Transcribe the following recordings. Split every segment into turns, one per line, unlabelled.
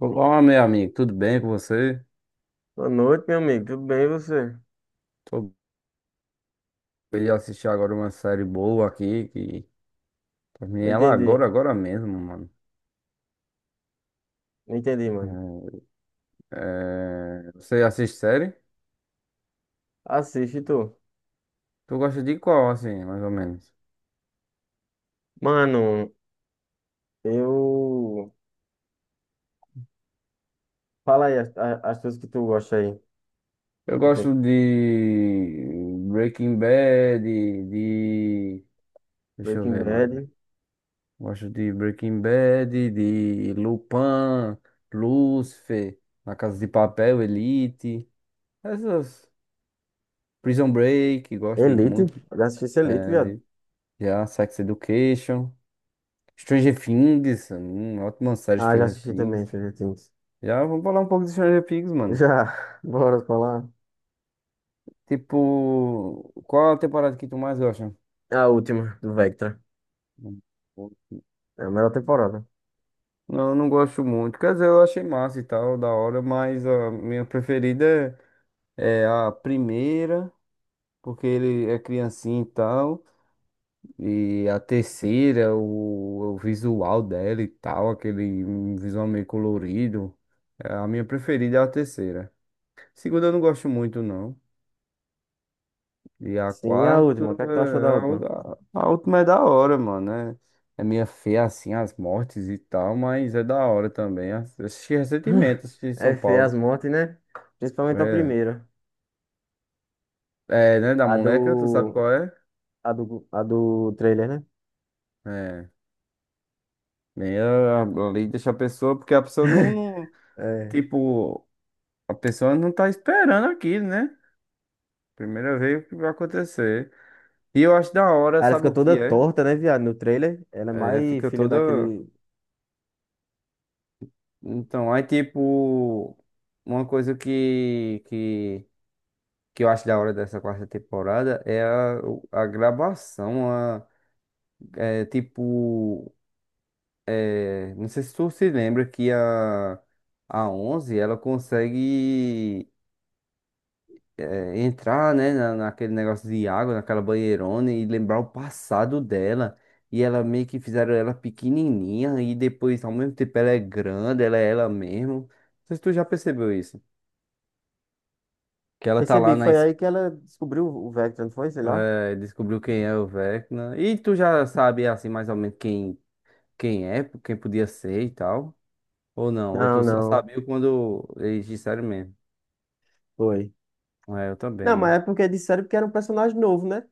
Olá, meu amigo, tudo bem com você?
Boa noite, meu amigo. Tudo bem, e você?
Tô bem, eu assisti agora uma série boa aqui, que terminei
Não
ela
entendi.
agora, agora mesmo, mano.
Não entendi, mano.
Você assiste série?
Assiste tu.
Tu gosta de qual, assim, mais ou menos?
Mano, eu. Fala aí as coisas que tu gosta aí.
Eu
Tu tem
gosto de Breaking Bad, de... Deixa eu
Breaking
ver, mano.
Bad.
Gosto de Breaking Bad, de Lupin, Lucifer, Na Casa de Papel, Elite, essas... Prison Break, gosto de
Elite.
muito.
Eu já assisti esse Elite, viado.
Já, Sex Education. Stranger Things. Ótima série
Ah, já
Stranger
assisti também,
Things.
Stranger Things.
Já, vamos falar um pouco de Stranger Things, mano.
Já. Bora falar.
Tipo, qual a temporada que tu mais gosta?
A última, do Vectra. É a melhor temporada.
Não, eu não gosto muito. Quer dizer, eu achei massa e tal, da hora, mas a minha preferida é a primeira, porque ele é criancinha e tal. E a terceira, o visual dela e tal, aquele um visual meio colorido. É, a minha preferida é a terceira. Segunda eu não gosto muito, não. E a
Sim, a
quarta,
última. O que é que tu achou da
é, a, u-
última?
a- a última é da hora, mano. É, é minha fé assim, as mortes e tal, mas é da hora também. Assisti recentemente, assisti em São
É feia as
Paulo.
mortes, né? Principalmente a
É,
primeira.
é, né, da
A
moleca, tu sabe
do.
qual é?
A do, a do trailer, né?
É, meio ali deixa a pessoa, porque a pessoa não,
É.
tipo, a pessoa não tá esperando aquilo, né? Primeira vez que vai acontecer. E eu acho da hora,
Aí ela
sabe
fica
o
toda
que é?
torta, né, viado? No trailer. Ela é
É,
mais
fica
filha
toda.
daquele.
Então, aí tipo, uma coisa que eu acho da hora dessa quarta temporada é a gravação, a, é, tipo, é, não sei se tu se lembra que a 11 ela consegue, é, entrar, né, na, naquele negócio de água, naquela banheirona e lembrar o passado dela. E ela meio que fizeram ela pequenininha e depois, ao mesmo tempo, ela é grande, ela é ela mesmo. Não sei se tu já percebeu isso. Que ela tá
Percebi,
lá na
foi
es-
aí que ela descobriu o Vector, não foi? Sei lá.
É, descobriu quem é o Vecna. E tu já sabe, assim, mais ou menos quem é, quem podia ser e tal? Ou não? Ou
Não,
tu só
não.
sabia quando eles disseram mesmo?
Foi.
É, eu
Não,
também.
mas é porque disseram que era um personagem novo, né?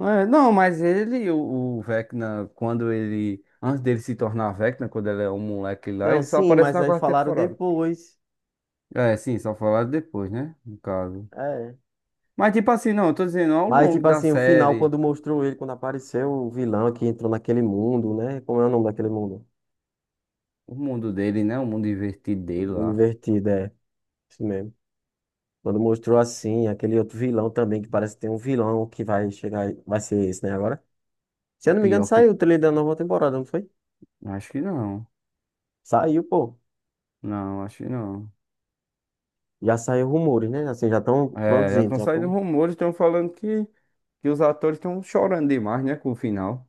É, não, mas ele, o Vecna, quando ele. Antes dele se tornar Vecna, quando ele é um moleque lá,
Não,
ele só
sim,
aparece
mas
na
aí
quarta
falaram
temporada.
depois.
É, sim, só falaram depois, né? No caso.
É.
Mas, tipo assim, não, eu tô dizendo, ao
Mas,
longo
tipo
da
assim, o final,
série,
quando mostrou ele, quando apareceu o vilão que entrou naquele mundo, né? Como é o nome daquele mundo?
o mundo dele, né? O mundo invertido dele
Mundo
lá.
Invertido, é. Isso mesmo. Quando mostrou assim, aquele outro vilão também, que parece que tem um vilão que vai chegar. Vai ser esse, né, agora? Se eu não me engano,
Pior que.
saiu o trailer da nova temporada, não foi?
Acho que não.
Saiu, pô.
Não, acho que não.
Já saiu rumores, né? Assim, já estão
É, já
produzindo.
estão
Já
saindo
tão...
rumores, estão falando que os atores estão chorando demais, né, com o final.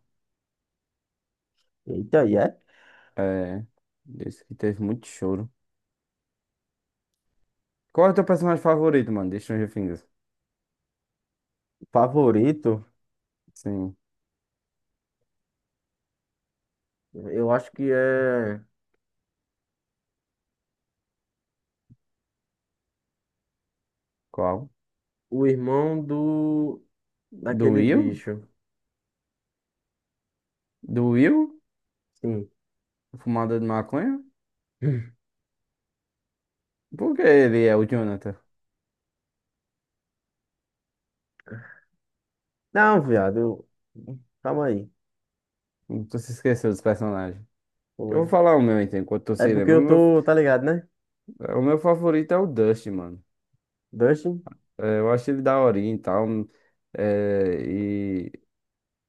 Eita, e é?
É, disse que teve muito choro. Qual é o teu personagem favorito, mano, de Stranger Things?
Favorito?
Sim,
Eu acho que é
qual?
o irmão do...
Do
daquele
Will?
bicho.
Do Will?
Sim.
O Fumador de maconha? Por que ele é o Jonathan?
Não, viado. Calma aí.
Tu se esqueceu dos personagens. Eu vou
Foi.
falar o meu, então, enquanto tu
É
se
porque
lembra. O
eu
meu,
tô, tá ligado, né?
o meu favorito é o Dusty, mano.
Dustin?
É, eu acho ele daorinha e tal. É,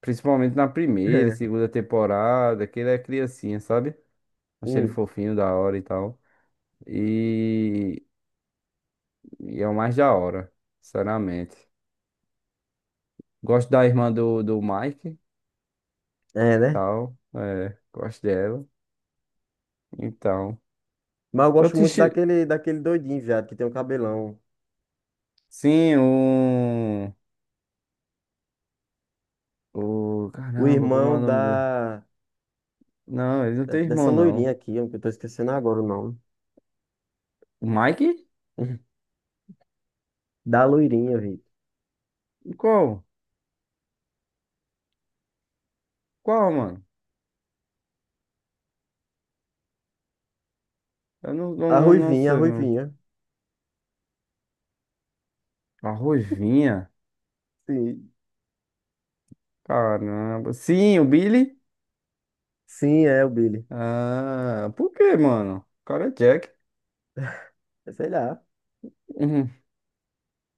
principalmente na primeira, segunda temporada, que ele é criancinha, sabe? Achei ele
Hum,
fofinho, da hora e tal. E, e é o mais da hora, sinceramente. Gosto da irmã do Mike,
é, né?
tal. É, gosto dela. Então.
Mas eu
Eu
gosto
te...
muito
chi-
daquele doidinho, viado, que tem um cabelão.
Sim, o. O.
O
Caramba, como é
irmão
o nome dele?
da...
Não, ele não tem
Dessa
irmão,
loirinha
não.
aqui, ó, que eu tô esquecendo agora o nome.
O Mike?
Da loirinha, Vitor.
Qual? Qual, mano? Eu
A
não
ruivinha, a
sei, mano.
ruivinha.
A Ruivinha.
Sim,
Caramba. Sim, o Billy.
sim, é o Billy.
Ah, por que, mano? O cara é Jack.
É, sei lá.
Uhum.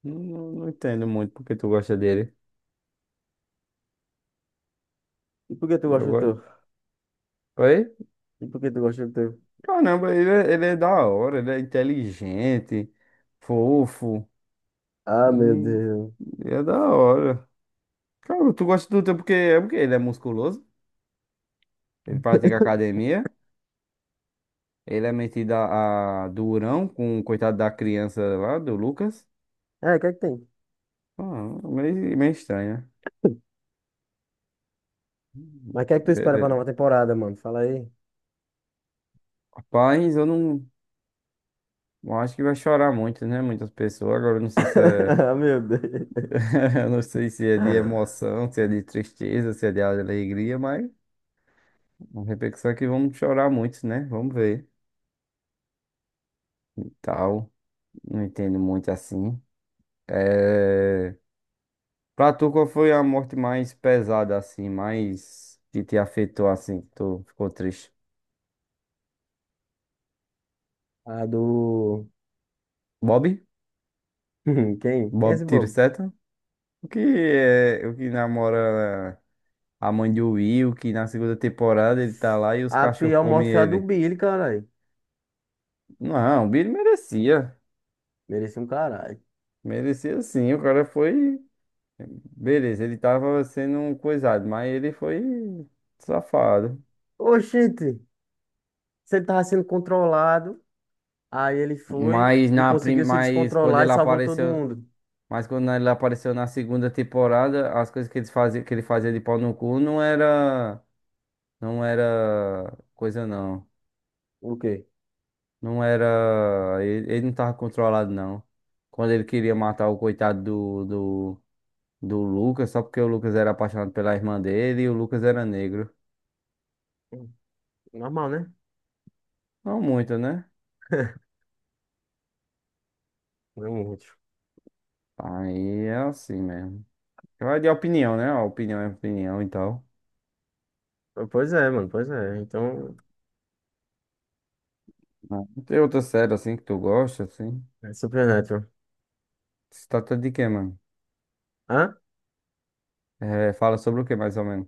Não entendo muito porque tu gosta dele.
E por que tu
Eu
gosta do
gosto.
teu?
Oi?
E por que tu gosta do teu?
Caramba, ele é da hora, ele é inteligente, fofo.
Ah, meu
Hum,
Deus.
É da hora. Cara, tu gosta do teu porque é porque ele é musculoso, ele pratica academia, ele é metido a durão com o coitado da criança lá, do Lucas.
É, o que é que tem?
Ah, meio estranho, né?
Mas o que é que tu espera pra
Beleza.
nova temporada, mano? Fala aí.
Rapaz, eu não. Bom, acho que vai chorar muito, né? Muitas pessoas. Agora, eu não sei se é...
Ah, meu Deus.
eu não sei se é de emoção, se é de tristeza, se é de alegria, mas a repercussão é que vamos chorar muito, né? Vamos ver. E tal. Não entendo muito assim. É... Pra tu, qual foi a morte mais pesada, assim, mais que te afetou, assim, que tu ficou triste?
A do...
Bob?
Quem? Quem é esse
Bob tiro
bobo?
seta? O que namora a mãe de Will, que na segunda temporada ele tá lá e os
A
cachorros
pior
comem
morte foi a do
ele.
Billy, caralho.
Não, o Billy merecia.
Merecia um caralho.
Merecia sim. O cara foi. Beleza, ele tava sendo um coisado, mas ele foi safado.
Oxente, se ele tava sendo controlado, aí ele foi
Mas
e
na prim...
conseguiu se
mas quando
descontrolar e
ele
salvou todo
apareceu,
mundo.
Mas quando ele apareceu na segunda temporada, as coisas que ele fazia de pau no cu não era não era coisa não.
O quê?
Não era. Ele não tava controlado, não. Quando ele queria matar o coitado do Lucas, só porque o Lucas era apaixonado pela irmã dele e o Lucas era negro.
Normal, né?
Não muito, né?
Realmente.
Aí é assim mesmo. Então, é de opinião, né? A opinião é opinião e tal.
Pois é, mano, pois é. Então,
Não tem outra série assim que tu gosta, assim?
é Supernatural.
Se trata de quê, mano?
Hã?
É, fala sobre o que, mais ou menos?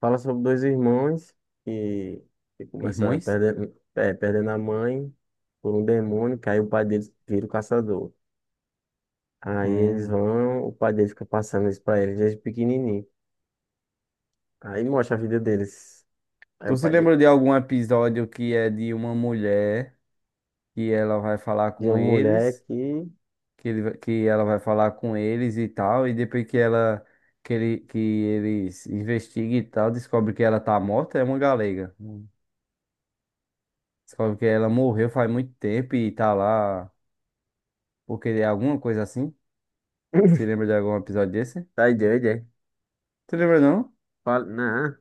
Fala sobre dois irmãos que, que começa
Irmãos?
perdendo, é, perdendo a mãe por um demônio, que aí o pai deles vira o caçador. Aí eles
Hum.
vão, o pai dele fica passando isso pra eles desde pequenininho. Aí mostra a vida deles. Aí
Tu
o
se
pai
lembra de algum episódio que é de uma mulher que ela vai falar
de
com
uma mulher
eles?
que...
Que ela vai falar com eles e tal, e depois que eles investiguem e tal, descobre que ela tá morta, é uma galega. Hum. Descobre que ela morreu faz muito tempo e tá lá porque é alguma coisa assim. Você lembra de algum episódio desse?
Tá doido, é?
Você lembra não?
Fala, não,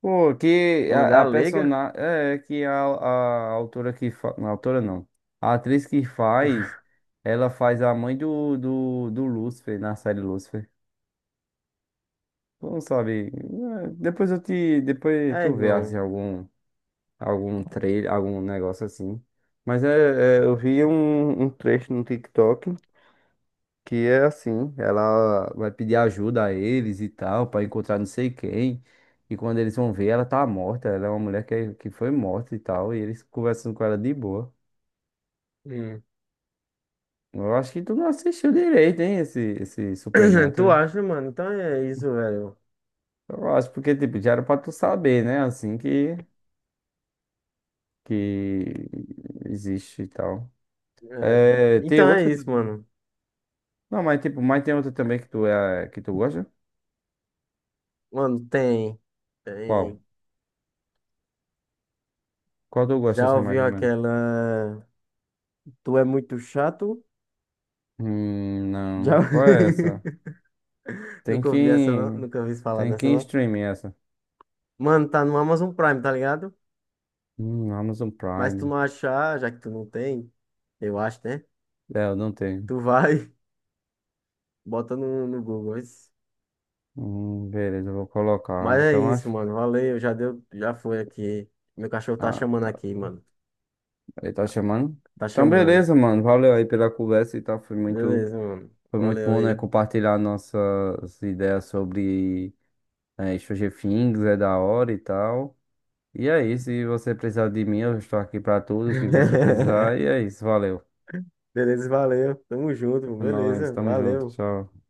Pô, que
uma
a
galega?
personagem é que a autora não. A atriz que faz, ela faz a mãe do Lúcifer na série Lúcifer. Não sabe. Depois eu te. Depois
É,
tu vê assim,
irmão.
algum, algum trailer, algum negócio assim. Mas é, é, eu vi um trecho no TikTok que é assim, ela vai pedir ajuda a eles e tal, pra encontrar não sei quem. E quando eles vão ver, ela tá morta. Ela é uma mulher que foi morta e tal. E eles conversando com ela de boa.
Hum.
Eu acho que tu não assistiu direito, hein, esse
Tu
Supernatural.
acha, mano? Então é isso, velho.
Eu acho porque, tipo, já era pra tu saber, né? Assim que. Que existe e tal.
É,
É, tem
então é
outra
isso,
também?
mano.
Não, mas tipo, mas tem outra também que tu gosta?
Mano, tem.
Qual?
Tem.
Qual tu gosta
Já
assim mais
ouviu
ou menos?
aquela. Tu é muito chato? Já.
Não. Qual é essa? Tem
Nunca ouvi essa, não.
que
Nunca ouvi falar
Tem que
nessa,
ir em
não.
streaming essa.
Mano, tá no Amazon Prime, tá ligado?
Amazon
Mas tu
Prime.
não achar, já que tu não tem, eu acho, né?
É, eu não tenho.
Tu vai, bota no Google. Isso.
Beleza, eu vou colocar.
Mas é
Então
isso,
acho.
mano. Valeu, já deu. Já foi aqui. Meu cachorro tá chamando
Ah,
aqui, mano.
ele tá chamando.
Tá
Então
chamando.
beleza, mano. Valeu aí pela conversa e tal.
Beleza, mano.
Foi muito
Valeu
bom, né,
aí.
compartilhar nossas ideias sobre, é, Stranger Things é da hora e tal. E é isso, se você precisar de mim, eu estou aqui pra tudo que você precisar. E é isso, valeu.
Beleza, valeu. Tamo junto,
Nós
beleza,
estamos juntos,
valeu.
tchau.